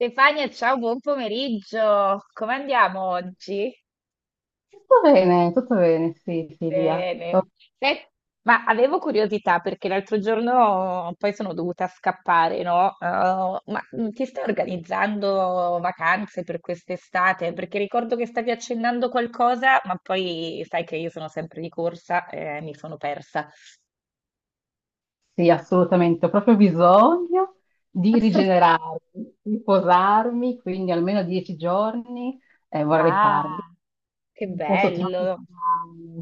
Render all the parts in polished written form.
Stefania, ciao, buon pomeriggio. Come andiamo oggi? Tutto bene, sì, Silvia. Bene. Oh, Sai- ma avevo curiosità perché l'altro giorno poi sono dovuta scappare, no? Ma ti stai organizzando vacanze per quest'estate? Perché ricordo che stavi accennando qualcosa, ma poi sai che io sono sempre di corsa e mi sono persa. Sì, assolutamente. Ho proprio bisogno di rigenerarmi, di posarmi, quindi almeno dieci giorni vorrei farli. Ah, che In un posto tropicale, bello.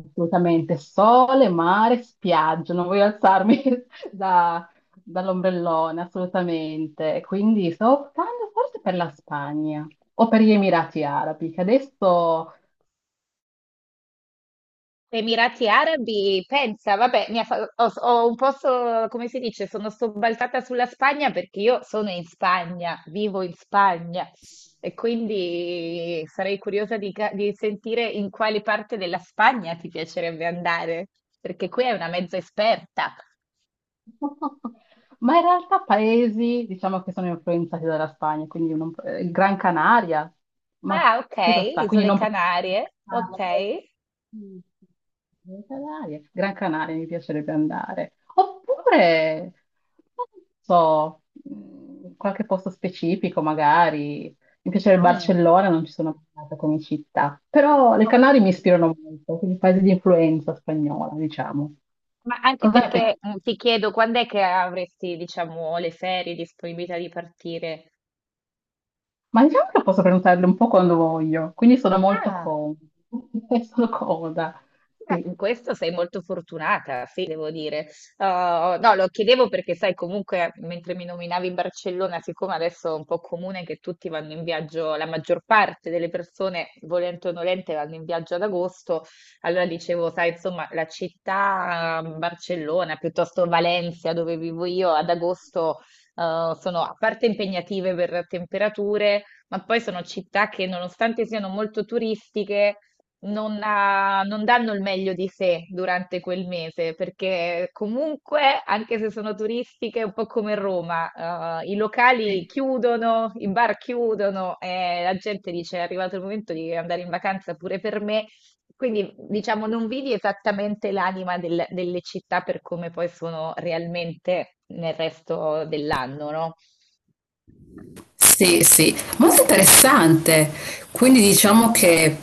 assolutamente. Sole, mare, spiaggia. Non voglio alzarmi da- dall'ombrellone, assolutamente. Quindi sto optando forse per la Spagna o per gli Emirati Arabi, che adesso... Emirati Arabi, pensa, vabbè, ho un po', come si dice, sono sobbalzata sulla Spagna perché io sono in Spagna, vivo in Spagna, e quindi sarei curiosa di sentire in quale parte della Spagna ti piacerebbe andare, perché qui è una mezza esperta. Ma in realtà paesi, diciamo che sono influenzati dalla Spagna, quindi non, Gran Canaria, ma Ah, ok. chi lo sa? Quindi Isole non... Canarie, Ah, ok. paesi- Gran Canaria, Gran Canaria mi piacerebbe andare. Ok. Oppure, non so, qualche posto specifico magari. Mi piacerebbe Mm. Barcellona, non ci sono mai andata come città, però le Canarie mi ispirano molto, quindi paesi di influenza spagnola, diciamo. Ma anche Cosa ne pensi? perché ti chiedo quando è che avresti, diciamo, le ferie, disponibilità di partire? Ma diciamo che posso prenotarle un po' quando voglio, quindi sono molto Ah. comoda. Sono comoda, Beh, sì. in questo sei molto fortunata, sì, devo dire. No, lo chiedevo perché, sai, comunque, mentre mi nominavi Barcellona, siccome adesso è un po' comune che tutti vanno in viaggio, la maggior parte delle persone, volente o nolente, vanno in viaggio ad agosto. Allora dicevo, sai, insomma, la città Barcellona, piuttosto Valencia, dove vivo io, ad agosto, sono a parte impegnative per temperature, ma poi sono città che, nonostante siano molto turistiche, non danno il meglio di sé durante quel mese, perché comunque, anche se sono turistiche, un po' come Roma, i locali Sì, chiudono, i bar chiudono e la gente dice è arrivato il momento di andare in vacanza pure per me. Quindi, diciamo, non vedi esattamente l'anima delle città per come poi sono realmente nel resto dell'anno, no? sì, sì, molto interessante. Quindi diciamo che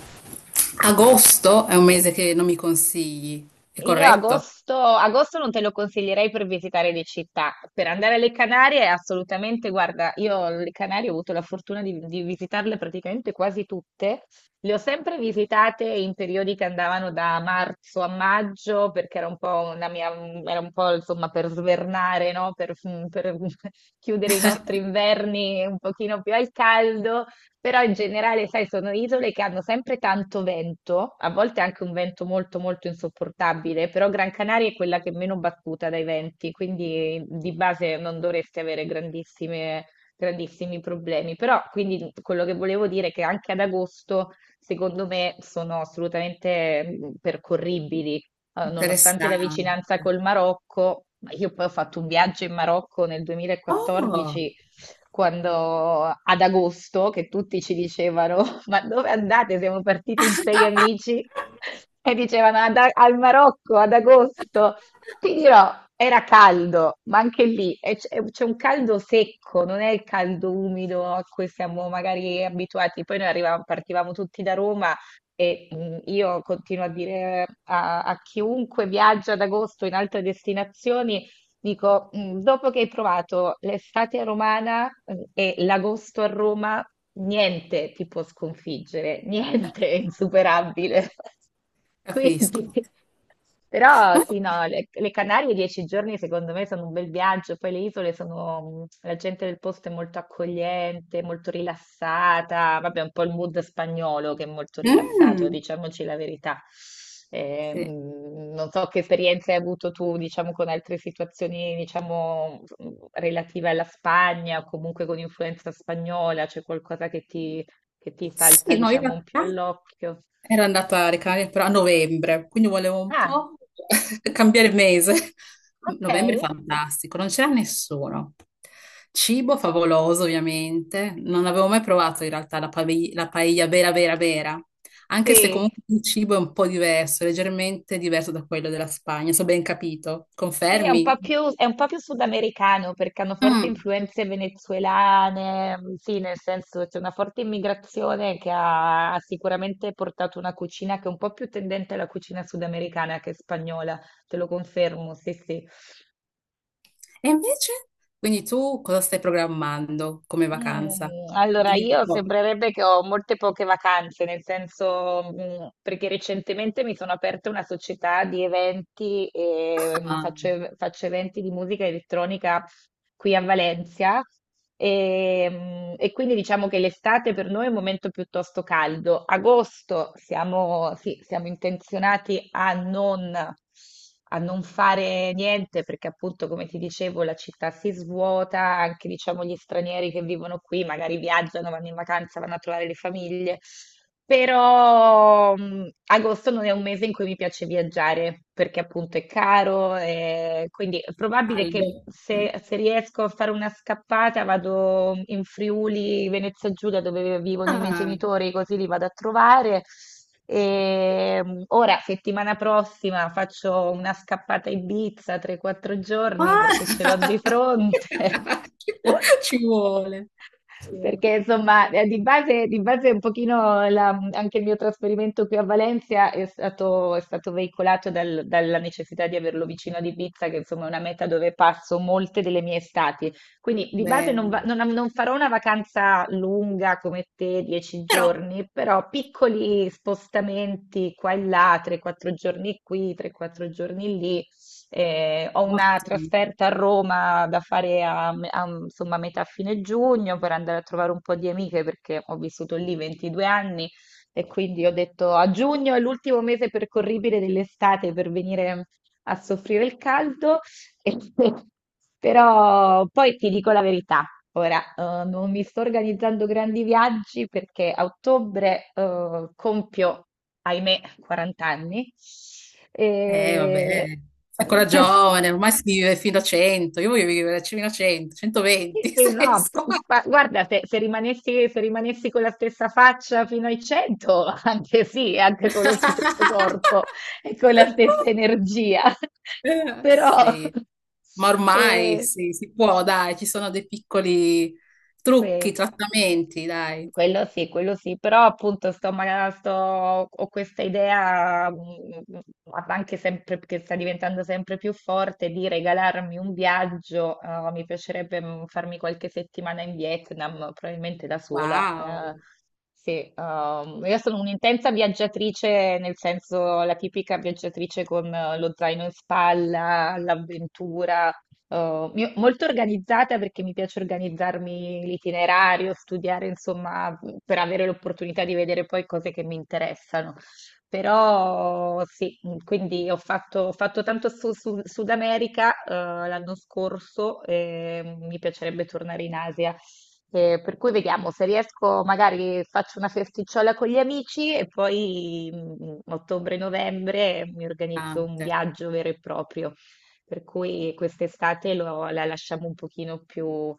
agosto è un mese che non mi consigli, è Io corretto? agosto, agosto non te lo consiglierei per visitare le città. Per andare alle Canarie, assolutamente, guarda, io le Canarie ho avuto la fortuna di visitarle praticamente quasi tutte. Le ho sempre visitate in periodi che andavano da marzo a maggio, perché era un po' una mia, era un po' insomma per svernare, no? Per chiudere i nostri inverni un pochino più al caldo. Però in generale, sai, sono isole che hanno sempre tanto vento, a volte anche un vento molto molto insopportabile, però Gran Canaria è quella che è meno battuta dai venti, quindi di base non dovresti avere grandissime, grandissimi problemi. Però quindi quello che volevo dire è che anche ad agosto, secondo me, sono assolutamente percorribili, nonostante la Interessante. vicinanza col Marocco. Ma io poi ho fatto un viaggio in Marocco nel Oh. 2014, quando ad agosto, che tutti ci dicevano: ma dove andate? Siamo partiti in sei amici e dicevano "Ad al Marocco ad agosto". Ti dirò, era caldo, ma anche lì c'è un caldo secco, non è il caldo umido a cui siamo magari abituati. Poi noi arrivavamo- partivamo tutti da Roma. E io continuo a dire a chiunque viaggia ad agosto in altre destinazioni. Dico, dopo che hai provato l'estate romana e l'agosto a Roma, niente ti può sconfiggere, niente è insuperabile. Quindi, Capisco. però Ma- sì, no, le Canarie 10 giorni secondo me sono un bel viaggio, poi le isole sono, la gente del posto è molto accogliente, molto rilassata, vabbè, un po' il mood spagnolo che è molto rilassato, mm, diciamoci la verità. Sì. Non so che esperienze hai avuto tu, diciamo, con altre situazioni, diciamo, relative alla Spagna o comunque con influenza spagnola, c'è qualcosa che ti, salta, Sì, no, in diciamo, un più realtà all'occhio? era andata alle Canarie però a novembre, quindi volevo un Ah, po' cambiare mese. Novembre è ok, fantastico, non c'era nessuno. Cibo favoloso, ovviamente. Non avevo mai provato in realtà la, la paella vera, vera, vera. Anche se sì. comunque il cibo è un po' diverso, leggermente diverso da quello della Spagna, se ho ben capito. Sì, è un Confermi? po' più, è un po' più sudamericano perché hanno forti Mm. influenze venezuelane, sì, nel senso c'è una forte immigrazione che ha, ha sicuramente portato una cucina che è un po' più tendente alla cucina sudamericana che spagnola, te lo confermo, sì, sì. E invece? Quindi tu cosa stai programmando come vacanza? Allora, Dimmi un io po'. sembrerebbe che ho molte poche vacanze, nel senso, perché recentemente mi sono aperta una società di eventi e Ah, faccio eventi di musica elettronica qui a Valencia. E quindi diciamo che l'estate per noi è un momento piuttosto caldo. Agosto siamo, sì, siamo intenzionati a non fare niente perché appunto, come ti dicevo, la città si svuota, anche diciamo gli stranieri che vivono qui magari viaggiano, vanno in vacanza, vanno a trovare le famiglie. Però agosto non è un mese in cui mi piace viaggiare perché appunto è caro, e quindi è probabile caldo. che Mm. se riesco a fare una scappata vado in Friuli, Venezia Giulia dove vivono i miei Ah. genitori, così li vado a trovare. E, ora, settimana prossima, faccio una scappata a Ibiza 3-4 giorni perché ce l'ho Ah! di fronte. Ci vuole, ci vuole. Perché insomma, di base un pochino anche il mio trasferimento qui a Valencia è stato veicolato dalla necessità di averlo vicino ad Ibiza, che insomma è una meta dove passo molte delle mie estati. Quindi di base non, va- Bello. non- non farò una vacanza lunga come te, dieci Però, giorni, però piccoli spostamenti qua e là, 3-4 giorni qui, 3-4 giorni lì. Ho una ottimi. trasferta a Roma da fare insomma, metà fine giugno per andare a trovare un po' di amiche perché ho vissuto lì 22 anni, e quindi ho detto a giugno è l'ultimo mese percorribile dell'estate per venire a soffrire il caldo. Però poi ti dico la verità, ora non mi sto organizzando grandi viaggi perché a ottobre compio, ahimè, 40 anni. Vabbè, E... sei ancora giovane, ormai si vive fino a 100. Io voglio vivere fino a 100, 120, Sì, se no, riesco. ma guarda, se rimanessi con la stessa faccia fino ai 100, anche sì, anche con lo stesso corpo e con la stessa energia. Però, Sì, ma ormai eh, sì, si può, dai, ci sono dei piccoli trucchi, sì. trattamenti, dai. Quello sì, quello sì, però appunto ho questa idea, anche sempre, che sta diventando sempre più forte, di regalarmi un viaggio. Mi piacerebbe farmi qualche settimana in Vietnam, probabilmente da sola. Wow, Sì, io sono un'intensa viaggiatrice, nel senso la tipica viaggiatrice con lo zaino in spalla, l'avventura. Molto organizzata perché mi piace organizzarmi l'itinerario, studiare, insomma, per avere l'opportunità di vedere poi cose che mi interessano. Però sì, quindi ho fatto tanto su, Sud America l'anno scorso e mi piacerebbe tornare in Asia. Per cui vediamo se riesco, magari faccio una festicciola con gli amici e poi ottobre-novembre mi organizzo un tante. viaggio vero e proprio. Per cui quest'estate la lasciamo un pochino più,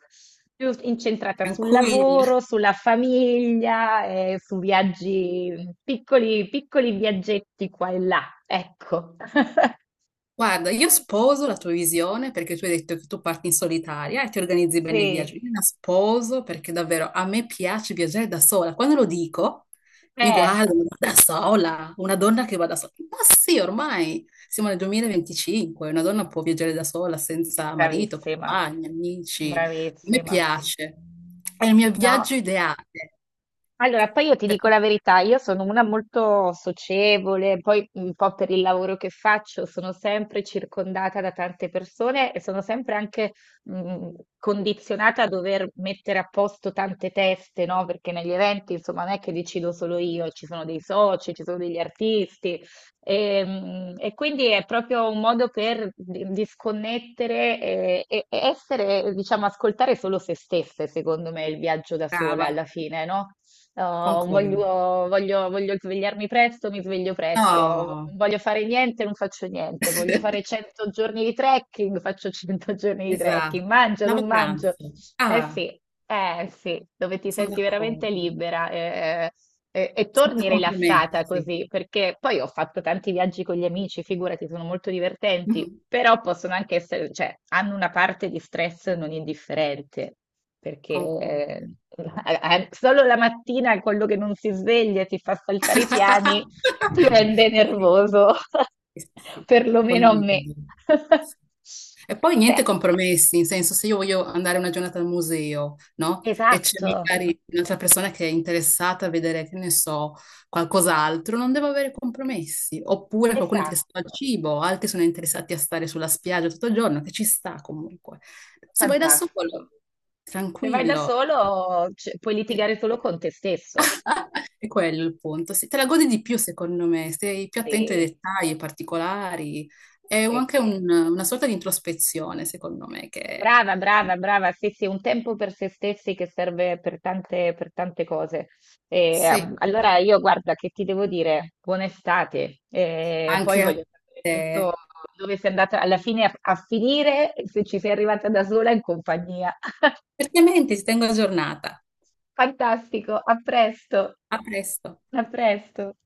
più incentrata sul Tranquilli. lavoro, sulla famiglia, e su viaggi, piccoli, piccoli viaggetti qua e là. Ecco. Guarda, io sposo la tua visione perché tu hai detto che tu parti in solitaria e ti organizzi bene il viaggio. Io Sì, la sposo perché davvero a me piace viaggiare da sola. Quando lo dico, mi eh, guardano da sola, una donna che va da sola. Ma sì, ormai siamo nel 2025, una donna può viaggiare da sola senza marito, bravissima, compagni, amici. A me bravissima. piace. È il mio viaggio No. ideale, Allora, poi io ti dico perché la verità, io sono una molto socievole, poi un po' per il lavoro che faccio sono sempre circondata da tante persone e sono sempre anche mh, condizionata a dover mettere a posto tante teste, no? Perché negli eventi, insomma, non è che decido solo io, ci sono dei soci, ci sono degli artisti e quindi è proprio un modo per disconnettere e essere, diciamo, ascoltare solo se stesse, secondo me, il viaggio da sola brava, alla fine, no? Oh, voglio, concordi. voglio- voglio svegliarmi presto, mi sveglio presto. No, Non voglio fare niente, non faccio niente. Voglio fare 100 giorni di trekking, faccio 100 giorni di esatto, trekking. Mangio, la non mangio. vacanza. Eh Ah, sì, eh sì, dove ti sono senti veramente d'accordo, libera. E senza torni rilassata compromessi, così, perché poi ho fatto tanti viaggi con gli amici, figurati, sono molto divertenti, mhm, però possono anche essere, cioè, hanno una parte di stress non indifferente, perché concordo. eh, solo la mattina quello che non si sveglia e ti fa saltare i piani ti rende Sì, nervoso, sì, sì, sì, perlomeno a me. condivido. E poi niente Beh, compromessi, in senso se io voglio andare una giornata al museo, no? E c'è esatto, magari un'altra persona che è interessata a vedere, che ne so, qualcos'altro, non devo avere compromessi. Oppure qualcuno è interessato al esatto, cibo, altri sono interessati a stare sulla spiaggia tutto il giorno, che ci sta comunque. Se vai da solo, fantastico. Se vai da tranquillo. solo, cioè, puoi litigare solo con te stesso. È quello il punto. Se te la godi di più, secondo me, sei più attento ai Sì, dettagli, ai particolari. È un- sì, anche sì. un- una sorta di introspezione, secondo me, che Brava, brava, brava. Sì, sì, un tempo per se stessi che serve per tante cose. E, sì. allora io guarda che ti devo dire, buona estate. E poi Anche a voglio sapere te. tutto dove sei andata alla fine a finire, e se ci sei arrivata da sola in compagnia. Certamente ti tengo aggiornata. Fantastico, a presto, A presto. a presto.